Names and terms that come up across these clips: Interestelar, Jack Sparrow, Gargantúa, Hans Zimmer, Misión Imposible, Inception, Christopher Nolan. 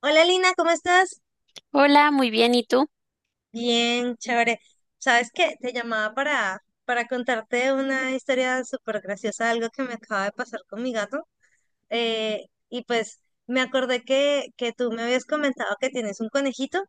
Hola Lina, ¿cómo estás? Hola, muy bien, ¿y tú? Bien, chévere. ¿Sabes qué? Te llamaba para contarte una historia súper graciosa, algo que me acaba de pasar con mi gato. Y pues me acordé que tú me habías comentado que tienes un conejito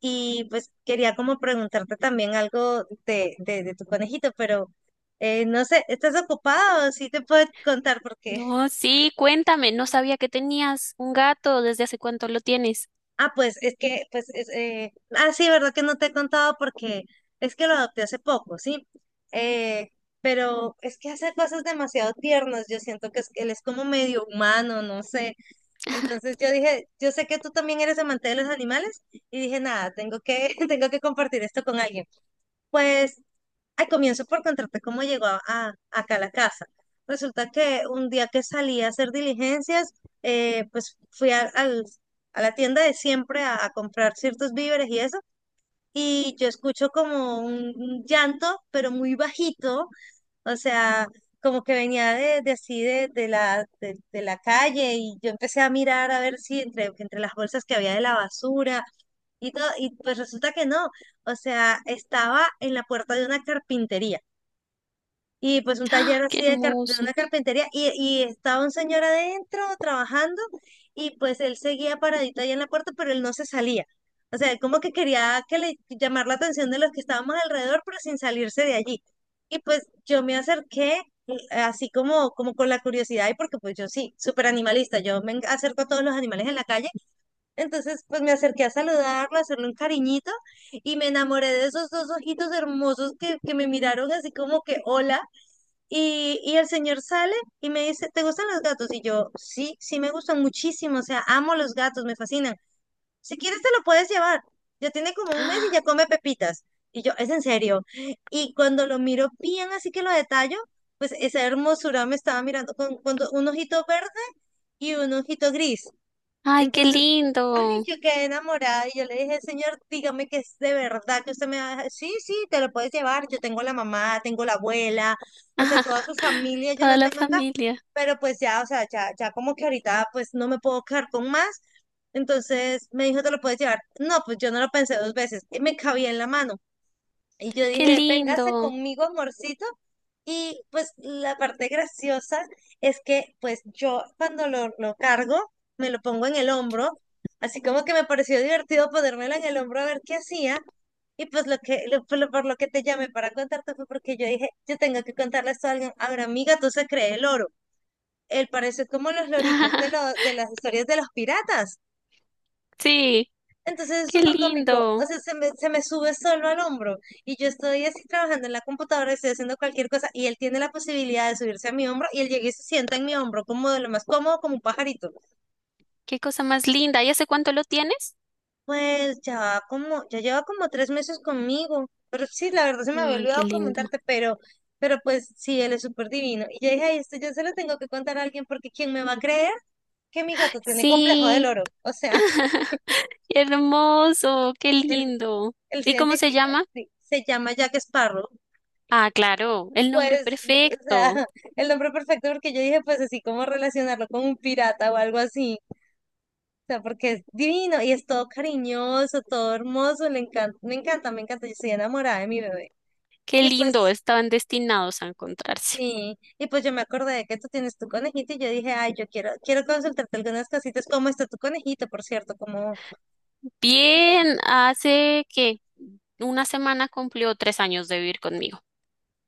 y pues quería como preguntarte también algo de tu conejito, pero no sé, ¿estás ocupado? Sí te puedo contar porque. No, sí, cuéntame, no sabía que tenías un gato, ¿desde hace cuánto lo tienes? Ah, pues es que, pues, sí, verdad que no te he contado porque es que lo adopté hace poco, ¿sí? Eh, pero es que hace cosas demasiado tiernas. Yo siento que él es como medio humano, no sé. Entonces yo dije, yo sé que tú también eres amante de los animales. Y dije, nada, tengo que, tengo que compartir esto con alguien. Pues, ay, comienzo por contarte cómo llegó acá a la casa. Resulta que un día que salí a hacer diligencias, pues fui a la tienda de siempre a comprar ciertos víveres y eso, y yo escucho como un llanto, pero muy bajito. O sea, como que venía de así de la calle, y yo empecé a mirar a ver si entre las bolsas que había de la basura y todo, y pues resulta que no, o sea, estaba en la puerta de una carpintería. Y pues un ¡Ah, taller qué así de hermoso! una carpintería, y estaba un señor adentro trabajando. Y pues él seguía paradito ahí en la puerta, pero él no se salía. O sea, él como que quería que le llamar la atención de los que estábamos alrededor, pero sin salirse de allí. Y pues yo me acerqué, así como con la curiosidad, y porque pues yo sí, súper animalista, yo acerco a todos los animales en la calle. Entonces pues me acerqué a saludarlo, a hacerle un cariñito, y me enamoré de esos dos ojitos hermosos que me miraron así como que hola. Y el señor sale y me dice, ¿te gustan los gatos? Y yo, sí, sí me gustan muchísimo. O sea, amo los gatos, me fascinan. Si quieres te lo puedes llevar. Ya tiene como un mes y ¡Ah! ya come pepitas. Y yo, es en serio. Y cuando lo miro bien, así que lo detallo, pues esa hermosura me estaba mirando con un ojito verde y un ojito gris. ¡Ay, qué Entonces, ay, lindo! yo quedé enamorada y yo le dije, señor, dígame que es de verdad que usted me va a dejar". Sí, sí, te lo puedes llevar. Yo tengo la mamá, tengo la abuela, o sea, toda su familia yo Toda la la tengo acá. familia, Pero pues ya, o sea, ya como que ahorita pues no me puedo quedar con más. Entonces me dijo, te lo puedes llevar. No, pues yo no lo pensé dos veces. Y me cabía en la mano. Y yo qué dije, véngase lindo. conmigo, amorcito. Y pues la parte graciosa es que pues yo cuando lo cargo, me lo pongo en el hombro, así como que me pareció divertido ponérmelo en el hombro a ver qué hacía. Y pues lo que, lo- por lo por lo que te llamé para contarte fue porque yo dije, yo tengo que contarle esto a alguien. Ahora, amiga, tú se cree el oro. Él parece como los loritos de las historias de los piratas. Sí, Entonces es qué súper cómico. O lindo. sea, se me sube solo al hombro, y yo estoy así trabajando en la computadora, estoy haciendo cualquier cosa, y él tiene la posibilidad de subirse a mi hombro y él llega y se sienta en mi hombro como de lo más cómodo, como un pajarito. Qué cosa más linda. ¿Y hace cuánto lo tienes? Pues ya va como, ya lleva como 3 meses conmigo, pero sí, la verdad se me había Ay, qué olvidado lindo. comentarte, pero pues sí, él es súper divino. Y yo dije, ay, esto yo se lo tengo que contar a alguien, porque ¿quién me va a creer que mi gato tiene complejo del Sí, oro? O sea, hermoso, qué él, lindo. él se ¿Y cómo se identifica. llama? Sí, se llama Jack Sparrow. Ah, claro, el nombre Pues, o sea, perfecto. el nombre perfecto, porque yo dije, pues así como relacionarlo con un pirata o algo así. O sea, porque es divino y es todo cariñoso, todo hermoso, le encanta, me encanta, me encanta, yo estoy enamorada de mi bebé. Qué Y lindo, pues, estaban destinados a encontrarse. sí. Y pues yo me acordé de que tú tienes tu conejito, y yo dije, ay, yo quiero, quiero consultarte algunas cositas. ¿Cómo está tu conejito, por cierto? Cómo Bien, hace que una semana cumplió 3 años de vivir conmigo.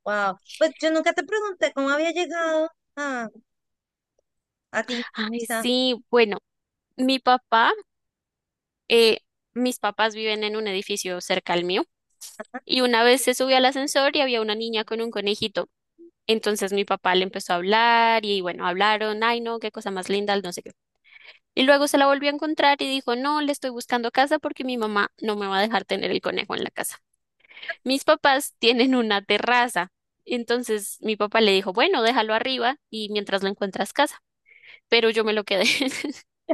Wow. Pues yo nunca te pregunté cómo había llegado a, a ti. O Ay, sea, sí, bueno, mi papá, eh, mis papás viven en un edificio cerca al mío y una vez se subió al ascensor y había una niña con un conejito. Entonces mi papá le empezó a hablar y bueno, hablaron, ay no, qué cosa más linda, no sé qué. Y luego se la volvió a encontrar y dijo, no, le estoy buscando casa porque mi mamá no me va a dejar tener el conejo en la casa. Mis papás tienen una terraza. Entonces mi papá le dijo, bueno, déjalo arriba y mientras lo encuentras casa. Pero yo me lo quedé.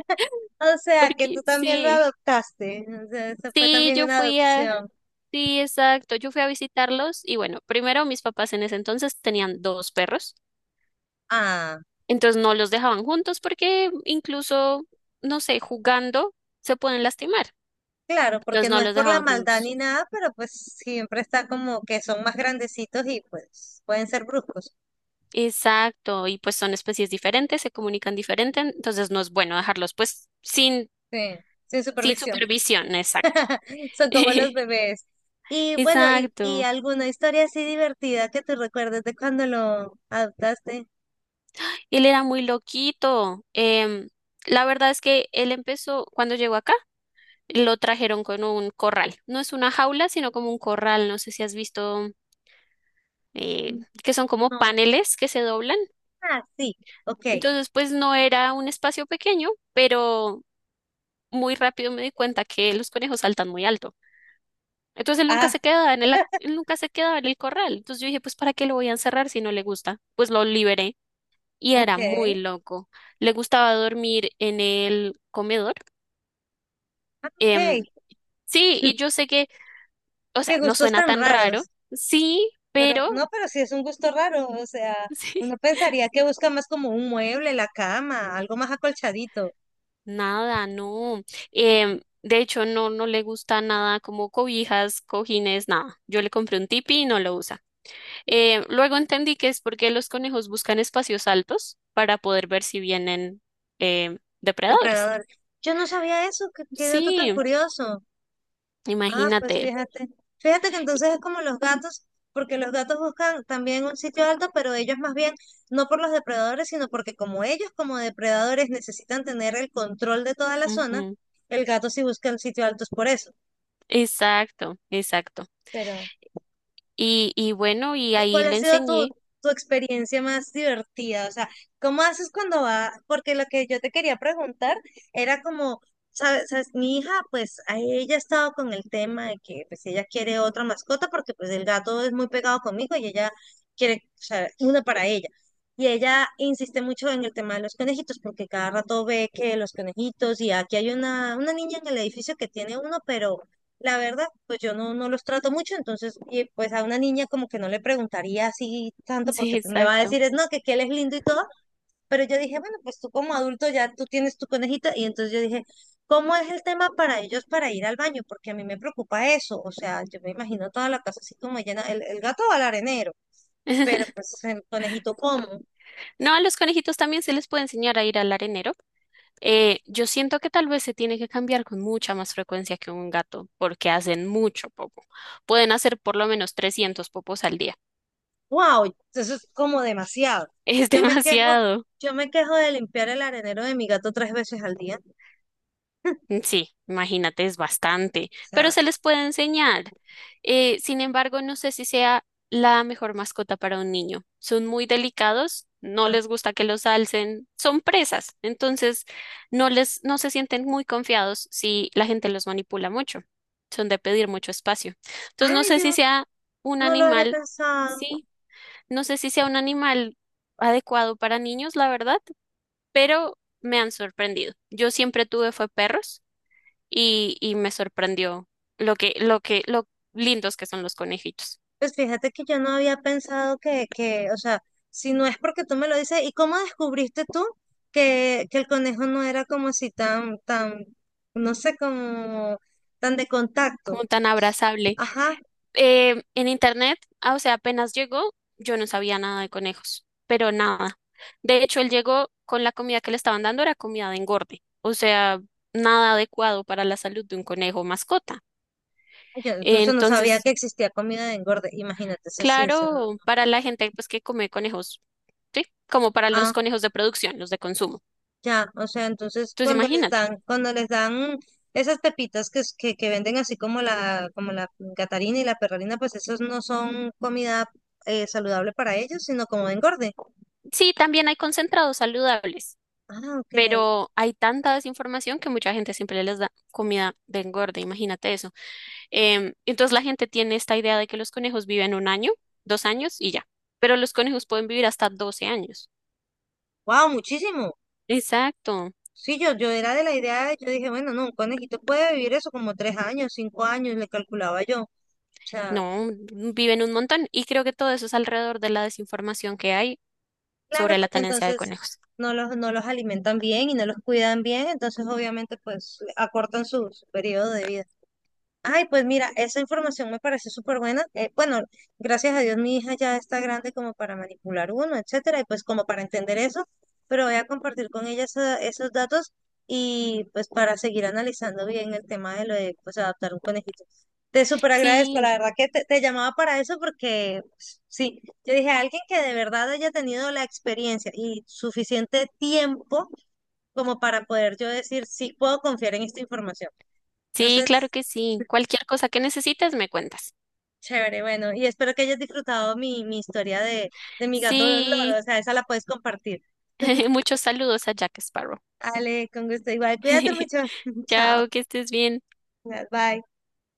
o sea, que tú Porque también lo sí, adoptaste. O sea, eso fue sí, también una adopción. sí, exacto, yo fui a visitarlos y bueno, primero mis papás en ese entonces tenían dos perros. Ah, Entonces no los dejaban juntos porque incluso, no sé, jugando se pueden lastimar. claro, Entonces porque no no es los por la dejaban maldad juntos. ni nada, pero pues siempre está como que son más grandecitos y pues pueden ser bruscos. Exacto, y pues son especies diferentes, se comunican diferente, entonces no es bueno dejarlos pues sin Sí, sin Sin supervisión. supervisión, exacto. Son como los bebés. Y bueno, y Exacto. alguna historia así divertida que te recuerdes de cuando lo adoptaste. Él era muy loquito. La verdad es que él empezó, cuando llegó acá, lo trajeron con un corral. No es una jaula, sino como un corral. No sé si has visto que son como No. paneles que se doblan. Ah, sí. Ok. Entonces, pues no era un espacio pequeño, pero muy rápido me di cuenta que los conejos saltan muy alto. Entonces Ah, él nunca se quedaba en el corral. Entonces yo dije, pues ¿para qué lo voy a encerrar si no le gusta? Pues lo liberé. Y ok. era muy loco. Le gustaba dormir en el comedor. Ah, Em, ok. sí, y yo sé que, o sea, Qué no gustos suena tan tan raro, raros. sí, Pero pero no, pero sí es un gusto raro. O sea, sí, uno pensaría que busca más como un mueble, la cama, algo más acolchadito, nada, no. De hecho, no, no le gusta nada como cobijas, cojines, nada. Yo le compré un tipi y no lo usa. Luego entendí que es porque los conejos buscan espacios altos para poder ver si vienen depredadores. depredador. Yo no sabía eso, qué dato tan Sí, curioso. Ah, pues imagínate. fíjate. Fíjate que entonces es como los gatos, porque los gatos buscan también un sitio alto, pero ellos más bien no por los depredadores, sino porque como ellos como depredadores necesitan tener el control de toda la zona, Ujú, el gato sí busca en sitios altos por eso. exacto, exacto. Pero. Y bueno, y ¿Y ahí cuál ha le sido tu, enseñé. tu experiencia más divertida? O sea, ¿cómo haces cuando va? Porque lo que yo te quería preguntar era como, ¿Sabes? Mi hija, pues a ella ha estado con el tema de que pues ella quiere otra mascota, porque pues el gato es muy pegado conmigo, y ella quiere, o sea, una para ella. Y ella insiste mucho en el tema de los conejitos, porque cada rato ve que los conejitos, y aquí hay una niña en el edificio que tiene uno, pero la verdad, pues yo no los trato mucho, entonces, y pues a una niña como que no le preguntaría así tanto, Sí, porque pues me va a exacto. decir, es no, que él es lindo y todo, pero yo dije, bueno, pues tú como adulto ya tú tienes tu conejita. Y entonces yo dije, ¿cómo es el tema para ellos para ir al baño? Porque a mí me preocupa eso, o sea, yo me imagino toda la casa así como llena, el gato va al arenero, pero pues el conejito como, No, a los conejitos también se les puede enseñar a ir al arenero. Yo siento que tal vez se tiene que cambiar con mucha más frecuencia que un gato, porque hacen mucho popo. Pueden hacer por lo menos 300 popos al día. wow, eso es como demasiado. Es Yo me quejo, demasiado. yo me quejo de limpiar el arenero de mi gato tres veces al día, o Sí, imagínate, es bastante, pero sea, se les puede enseñar. Sin embargo, no sé si sea la mejor mascota para un niño. Son muy delicados, no ah, les gusta que los alcen, son presas, entonces no se sienten muy confiados si la gente los manipula mucho. Son de pedir mucho espacio. Entonces, no ay, sé si yo sea un no lo habría animal, pensado. sí, no sé si sea un animal adecuado para niños, la verdad, pero me han sorprendido. Yo siempre tuve fue perros y me sorprendió lo lindos que son los conejitos, Pues fíjate que yo no había pensado que, o sea, si no es porque tú me lo dices, ¿y cómo descubriste tú que el conejo no era como así tan, tan, no sé, como tan de como contacto? tan Pues, abrazable. ajá, En internet, ah, o sea, apenas llegó, yo no sabía nada de conejos, pero nada. De hecho, él llegó con la comida que le estaban dando, era comida de engorde, o sea, nada adecuado para la salud de un conejo mascota. yo incluso no sabía Entonces, que existía comida de engorde, imagínate si así es. ¿No? claro, para la gente pues que come conejos, ¿sí? Como para los Ah, conejos de producción, los de consumo. ya, o sea, entonces Entonces, cuando les imagínate. dan, cuando les dan esas pepitas que venden así como como la Gatarina y la Perralina, pues esos no son comida, saludable para ellos, sino como engorde. Sí, también hay concentrados saludables. Ah, ok. Pero hay tanta desinformación que mucha gente siempre les da comida de engorde, imagínate eso. Entonces la gente tiene esta idea de que los conejos viven un año, 2 años y ya, pero los conejos pueden vivir hasta 12 años. Wow, muchísimo. Exacto, Sí, yo era de la idea, yo dije, bueno, no, un conejito puede vivir eso como 3 años, 5 años, le calculaba yo. O sea, no, viven un montón y creo que todo eso es alrededor de la desinformación que hay claro, sobre la porque tenencia de entonces conejos. no los alimentan bien y no los cuidan bien, entonces obviamente pues acortan su periodo de vida. Ay, pues mira, esa información me parece súper buena. Bueno, gracias a Dios mi hija ya está grande como para manipular uno, etcétera, y pues como para entender eso, pero voy a compartir con ella esos datos y pues para seguir analizando bien el tema de lo de pues adaptar un conejito. Te súper agradezco, Sí, la verdad que te llamaba para eso porque pues, sí, yo dije alguien que de verdad haya tenido la experiencia y suficiente tiempo como para poder yo decir sí puedo confiar en esta información. sí, claro Entonces, que sí. Cualquier cosa que necesites, me cuentas. chévere, bueno, y espero que hayas disfrutado mi historia de mi gato loro, o Sí, sea, esa la puedes compartir. muchos saludos a Jack Sparrow. Ale, con gusto igual. Cuídate mucho. Chao. Chao, que estés bien. Bye.